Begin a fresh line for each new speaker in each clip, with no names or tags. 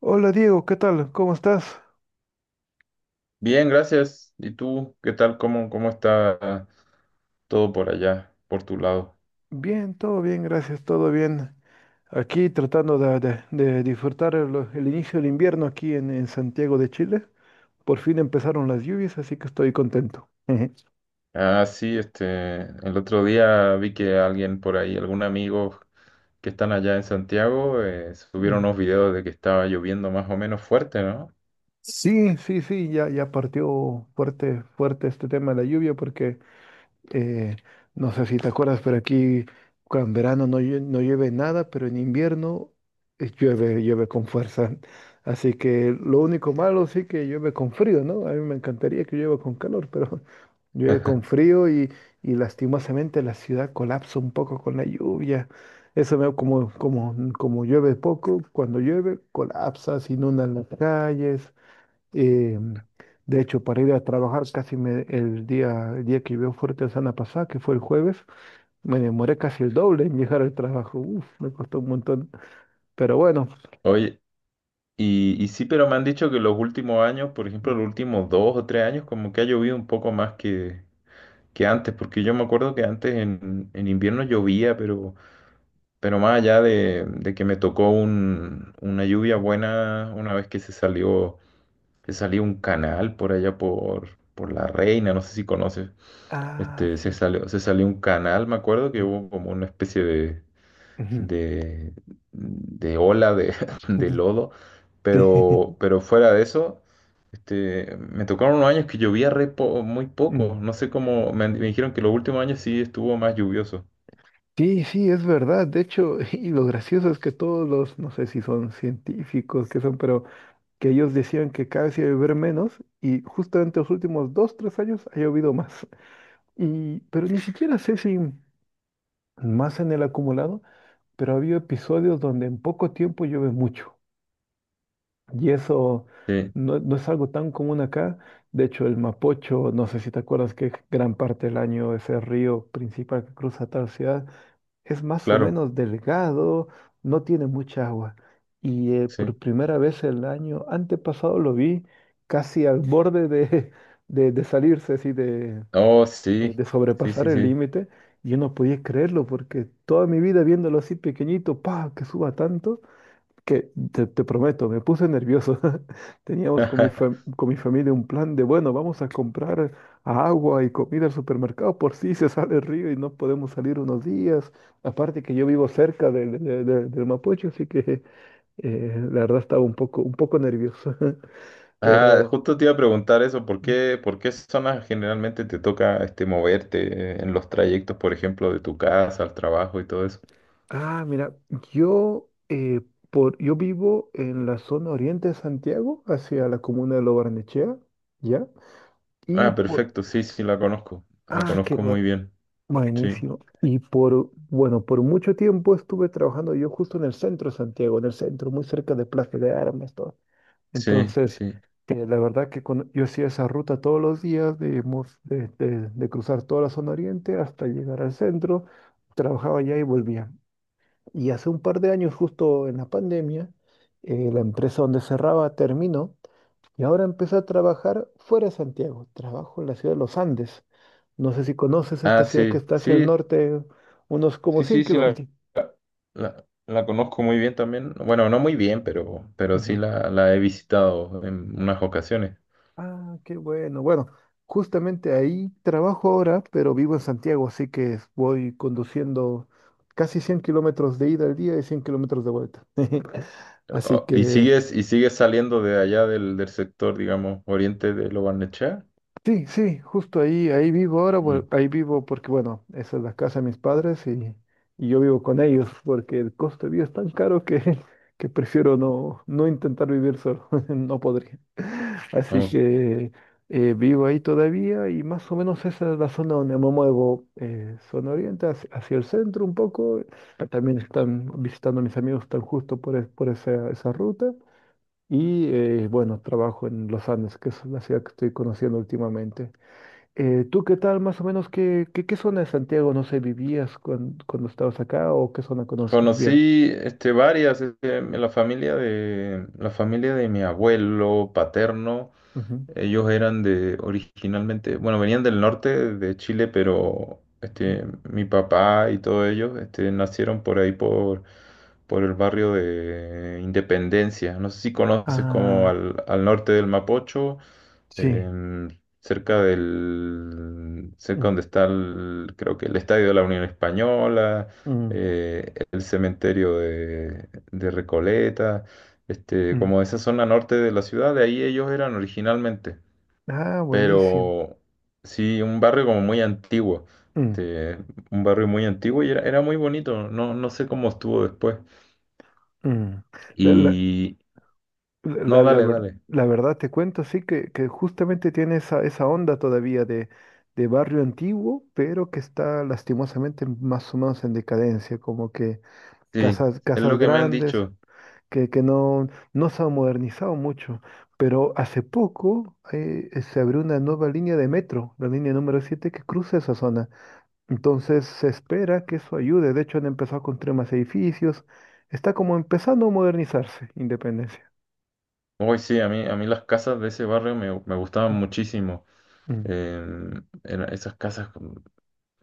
Hola Diego, ¿qué tal? ¿Cómo estás?
Bien, gracias. ¿Y tú qué tal? ¿¿Cómo está todo por allá, por tu lado?
Bien, todo bien, gracias, todo bien. Aquí tratando de disfrutar el inicio del invierno aquí en Santiago de Chile. Por fin empezaron las lluvias, así que estoy contento. Ujú.
Ah, sí, este, el otro día vi que alguien por ahí, algún amigo que están allá en Santiago, subieron
Mm.
unos videos de que estaba lloviendo más o menos fuerte, ¿no?
Sí, sí, sí, ya partió fuerte, fuerte este tema de la lluvia porque Eh, no sé si te acuerdas, pero aquí cuando en verano no, no llueve nada, pero en invierno llueve, llueve con fuerza. Así que lo único malo sí que llueve con frío, ¿no? A mí me encantaría que llueva con calor, pero llueve con frío y lastimosamente la ciudad colapsa un poco con la lluvia. Eso veo como llueve poco, cuando llueve colapsa, se inundan las calles. Eh, de hecho, para ir a trabajar el día que llovió fuerte la semana pasada, que fue el jueves, me demoré casi el doble en llegar al trabajo. Uf, me costó un montón. Pero bueno.
Oye, sí, pero me han dicho que los últimos años, por ejemplo,
Mm,
los últimos dos o tres años, como que ha llovido un poco más que antes, porque yo me acuerdo que antes en invierno llovía, pero más allá de que me tocó una lluvia
mm.
buena una vez que se salió un canal por allá por La Reina, no sé si conoces.
Ah,
Este,
sí.
se salió un canal, me acuerdo que
Mm,
hubo como una especie
ujú,
de, de ola de, de
ujú.
lodo.
Sí.
Pero fuera de eso, este, me tocaron unos años que llovía muy poco.
Mm.
No sé cómo, me dijeron que los últimos años sí estuvo más lluvioso.
Sí, sí, es verdad. De hecho, y lo gracioso es que todos los, no sé si son científicos, que son, pero que ellos decían que cada vez iba a llover menos y justamente los últimos 2, 3 años ha llovido más. Pero ni siquiera sé si más en el acumulado, pero ha habido episodios donde en poco tiempo llueve mucho. Y eso
Sí,
no es algo tan común acá. De hecho, el Mapocho, no sé si te acuerdas que gran parte del año ese río principal que cruza tal ciudad es más o
claro.
menos delgado, no tiene mucha agua. Y
Sí.
por primera vez el año antepasado lo vi casi al borde de, de salirse así de,
Oh,
eh,
sí,
de
sí,
sobrepasar
sí,
el
sí.
límite. Y yo no podía creerlo porque toda mi vida viéndolo así pequeñito, pa, que suba tanto, que te prometo, me puse nervioso. Teníamos con mi, fam- con mi familia un plan de, bueno, vamos a comprar agua y comida al supermercado por si se sale el río y no podemos salir unos días. Aparte que yo vivo cerca del Mapocho, así que la verdad estaba un poco nervioso,
Ah,
pero.
justo te iba a preguntar eso, ¿por
mm,
qué, por qué zonas generalmente te toca este, moverte en los trayectos, por ejemplo, de tu casa al trabajo y todo eso?
Ah, mira, yo, eh, yo vivo en la zona oriente de Santiago, hacia la comuna de Lo Barnechea, ¿ya? Y
Ah,
por.
perfecto, sí, sí, la
Ah, qué
conozco
bueno,
muy bien, sí,
buenísimo. Y bueno, por mucho tiempo estuve trabajando yo justo en el centro de Santiago, en el centro, muy cerca de Plaza de Armas, todo.
sí,
Entonces,
sí.
la verdad que yo hacía esa ruta todos los días de, mo de cruzar toda la zona oriente hasta llegar al centro, trabajaba allá y volvía. Y hace un par de años, justo en la pandemia, la empresa donde cerraba terminó y ahora empecé a trabajar fuera de Santiago. Trabajo en la ciudad de Los Andes. No sé si conoces
Ah,
esta ciudad que
sí,
está hacia el
sí,
norte, unos como
sí,
cien
sí, sí,
kilómetros.
la conozco muy bien también. Bueno, no muy bien, pero sí
Ujú.
la he visitado en unas ocasiones.
Ah, qué bueno. Bueno, justamente ahí trabajo ahora, pero vivo en Santiago, así que voy conduciendo casi 100 km de ida al día y 100 km de vuelta. Así
Oh,
que.
y sigues saliendo de allá del sector, digamos, oriente de Lo Barnechea?
Sí, sí, justo ahí vivo ahora,
Mm.
ahí vivo porque, bueno, esa es la casa de mis padres y yo vivo con ellos porque el costo de vida es tan caro que prefiero no intentar vivir solo, no podría. Así
Oh.
que vivo ahí todavía y más o menos esa es la zona donde me muevo, zona oriente hacia el centro un poco. También están visitando a mis amigos tan justo por esa ruta. Y bueno, trabajo en Los Andes, que es la ciudad que estoy conociendo últimamente. ¿Tú qué tal, más o menos, qué zona de Santiago, no sé, vivías cuando, estabas acá o qué zona conoces bien?
Conocí este, varias, este, la familia de mi abuelo paterno,
Ujú,
ellos eran de originalmente, bueno, venían del norte de Chile, pero
ujú.
este, mi papá y todos ellos este, nacieron por ahí, por el barrio de Independencia. No sé si conoces como
Ah,
al norte del Mapocho
sí.
em, cerca del, cerca
Mm,
donde está el, creo que el Estadio de la Unión Española,
mm,
el cementerio de Recoleta, este,
mm.
como esa zona norte de la ciudad, de ahí ellos eran originalmente,
Ah, buenísimo.
pero sí, un barrio como muy antiguo.
Mm,
Este, un barrio muy antiguo y era, era muy bonito, no, no sé cómo estuvo después.
mm. La, la-
Y
la-
no,
la- la
dale,
ver-
dale.
la verdad te cuento, sí, que justamente tiene esa onda todavía de barrio antiguo, pero que está lastimosamente más o menos en decadencia, como que
Sí,
casas,
es
casas
lo que me han
grandes,
dicho.
que no se ha modernizado mucho. Pero hace poco se abrió una nueva línea de metro, la línea número 7 que cruza esa zona. Entonces se espera que eso ayude. De hecho, han empezado a construir más edificios. Está como empezando a modernizarse, Independencia.
Hoy sí, a mí las casas de ese barrio me gustaban muchísimo.
Mm,
Em, esas casas,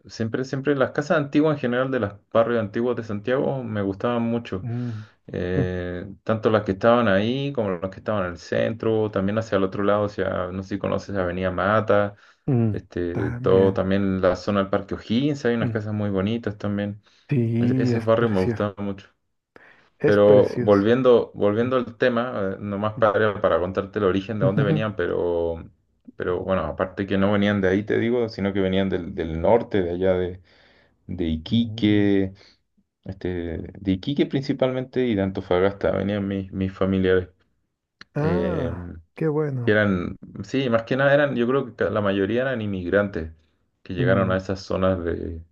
siempre, siempre, las casas antiguas en general de los barrios antiguos de Santiago me gustaban mucho.
mm, mm,
Tanto las que estaban ahí como las que estaban en el centro, también hacia el otro lado, hacia, no sé si conoces Avenida Mata,
mm, mm.
este, todo,
También.
también la zona del Parque O'Higgins, hay unas
Mm.
casas muy bonitas también. Ese,
Sí,
ese
es
barrio me
precioso.
gustaba mucho.
Es
Pero
precioso.
volviendo,
Mm,
volviendo al tema, nomás
mm,
para contarte el origen de dónde
ujujú,
venían, pero bueno, aparte que no venían de ahí, te digo, sino que venían del, del norte, de allá de
mm.
Iquique, este, de Iquique principalmente y de Antofagasta, venían mis, mis familiares. Eh,
Ah, qué
que
bueno.
eran, sí, más que nada eran, yo creo que la mayoría eran inmigrantes que llegaron a
Mm,
esas zonas de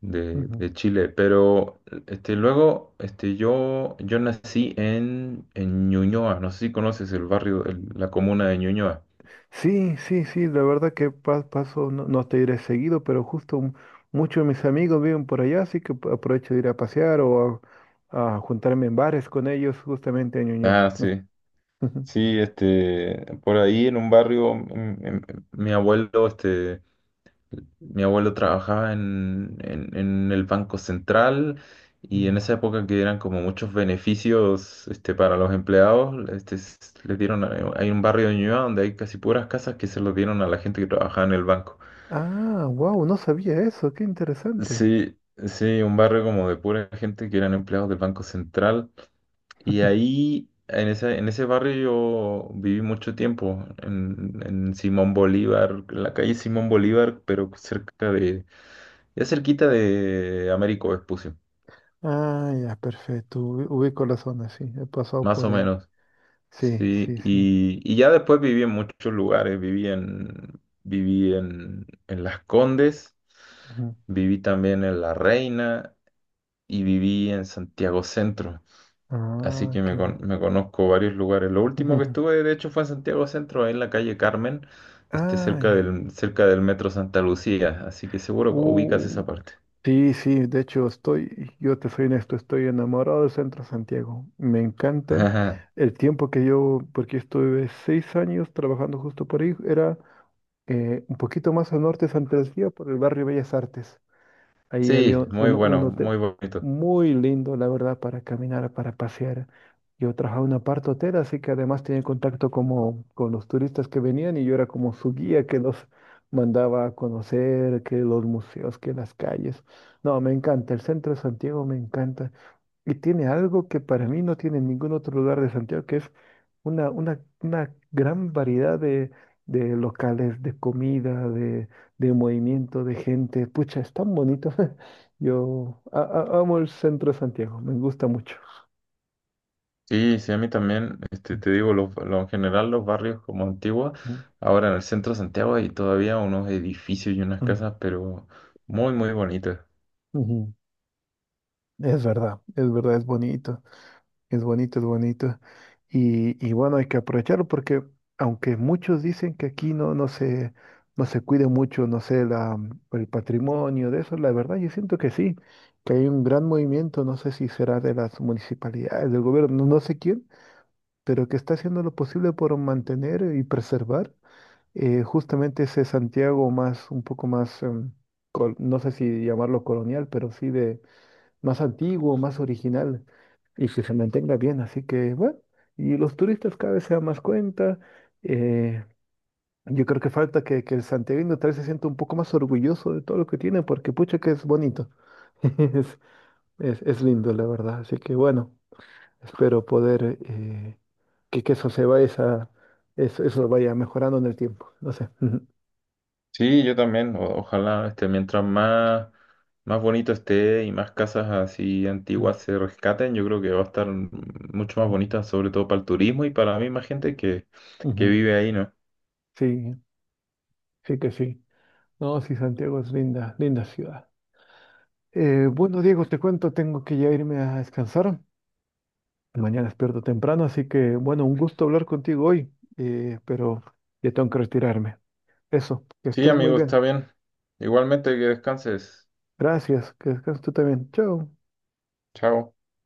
ujú.
de Chile, pero este, luego este, yo nací en Ñuñoa, no sé si conoces el barrio, la comuna de Ñuñoa.
Sí, sí, sí, la verdad que paso, no te iré seguido, pero justo muchos de mis amigos viven por allá, así que aprovecho de ir a pasear o a juntarme en bares con ellos justamente en Ñuñoa.
Ah, sí, sí, este, por ahí en un barrio, mm, mm, mi abuelo, este, mi abuelo trabajaba en el Banco Central y en
Mm.
esa época que eran como muchos beneficios, este, para los empleados, les dieron, hay un barrio de Ñuñoa donde hay casi puras casas que se los dieron a la gente que trabajaba en el banco.
Ah, wow, no sabía eso, qué interesante.
Sí, sí, un barrio como de pura gente que eran empleados del Banco Central. Y ahí, en ese barrio yo viví mucho tiempo, en Simón Bolívar, en la calle Simón Bolívar, pero cerca de, ya cerquita de Américo Vespucio,
Ah, ya, perfecto, ubico la zona, sí, he pasado
más
por
o
ahí.
menos.
Sí,
Sí,
sí, sí.
y ya después viví en muchos lugares, viví en, en Las Condes,
Ujú.
viví también en La Reina y viví en Santiago Centro. Así
Ah,
que
qué bueno.
me conozco varios lugares. Lo último que estuve, de hecho, fue en Santiago Centro, ahí en la calle Carmen, este,
Ah, ya.
cerca del Metro Santa Lucía. Así que seguro que ubicas esa
Uh,
parte.
sí, sí, de hecho yo te soy honesto, estoy enamorado del Centro Santiago. Me encanta el tiempo que porque yo estuve 6 años trabajando justo por ahí, era un poquito más al norte de Santa Lucía, por el barrio Bellas Artes. Ahí había
Sí,
un,
muy
uno- un
bueno,
hotel
muy bonito.
muy lindo, la verdad, para caminar, para pasear. Yo trabajaba en una parte hotel, así que además tenía contacto como con los turistas que venían y yo era como su guía que los mandaba a conocer, que los museos, que las calles. No, me encanta, el centro de Santiago me encanta. Y tiene algo que para mí no tiene en ningún otro lugar de Santiago, que es una gran variedad de locales, de comida, de movimiento, de gente. Pucha, es tan bonito. Yo amo el centro de Santiago, me gusta mucho.
Sí, sí, a mí también, este, te digo, en general los barrios como Antigua, ahora en el centro de Santiago hay todavía unos edificios y unas
Ujú,
casas, pero muy, muy bonitas.
ujú. Es verdad, es verdad, es bonito. Es bonito, es bonito. Y bueno, hay que aprovecharlo porque aunque muchos dicen que aquí no se cuide mucho, no sé, el patrimonio de eso, la verdad yo siento que sí, que hay un gran movimiento, no sé si será de las municipalidades, del gobierno, no sé quién, pero que está haciendo lo posible por mantener y preservar justamente ese Santiago más, un poco más, no sé si llamarlo colonial, pero sí de más antiguo, más original y que se mantenga bien. Así que, bueno, y los turistas cada vez se dan más cuenta. eh, yo creo que falta que el santiaguino tal vez se sienta un poco más orgulloso de todo lo que tiene, porque pucha que es bonito. Es lindo, la verdad. Así que, bueno, espero poder que eso se vaya, eso vaya mejorando en el tiempo. No sé. Ujú,
Sí, yo también. Ojalá, este, mientras más, más bonito esté y más casas así antiguas se rescaten, yo creo que va a estar mucho más
ujú,
bonita, sobre todo para el turismo y para la misma gente que
ujú.
vive ahí, ¿no?
Sí, sí que sí. No, sí, Santiago es linda, linda ciudad. Bueno, Diego, te cuento, tengo que ya irme a descansar. Mañana despierto temprano, así que bueno, un gusto hablar contigo hoy, pero ya tengo que retirarme. Eso, que
Sí,
estés muy
amigo,
bien.
está bien. Igualmente que descanses.
Gracias, que descanses tú también. Chao.
Chao.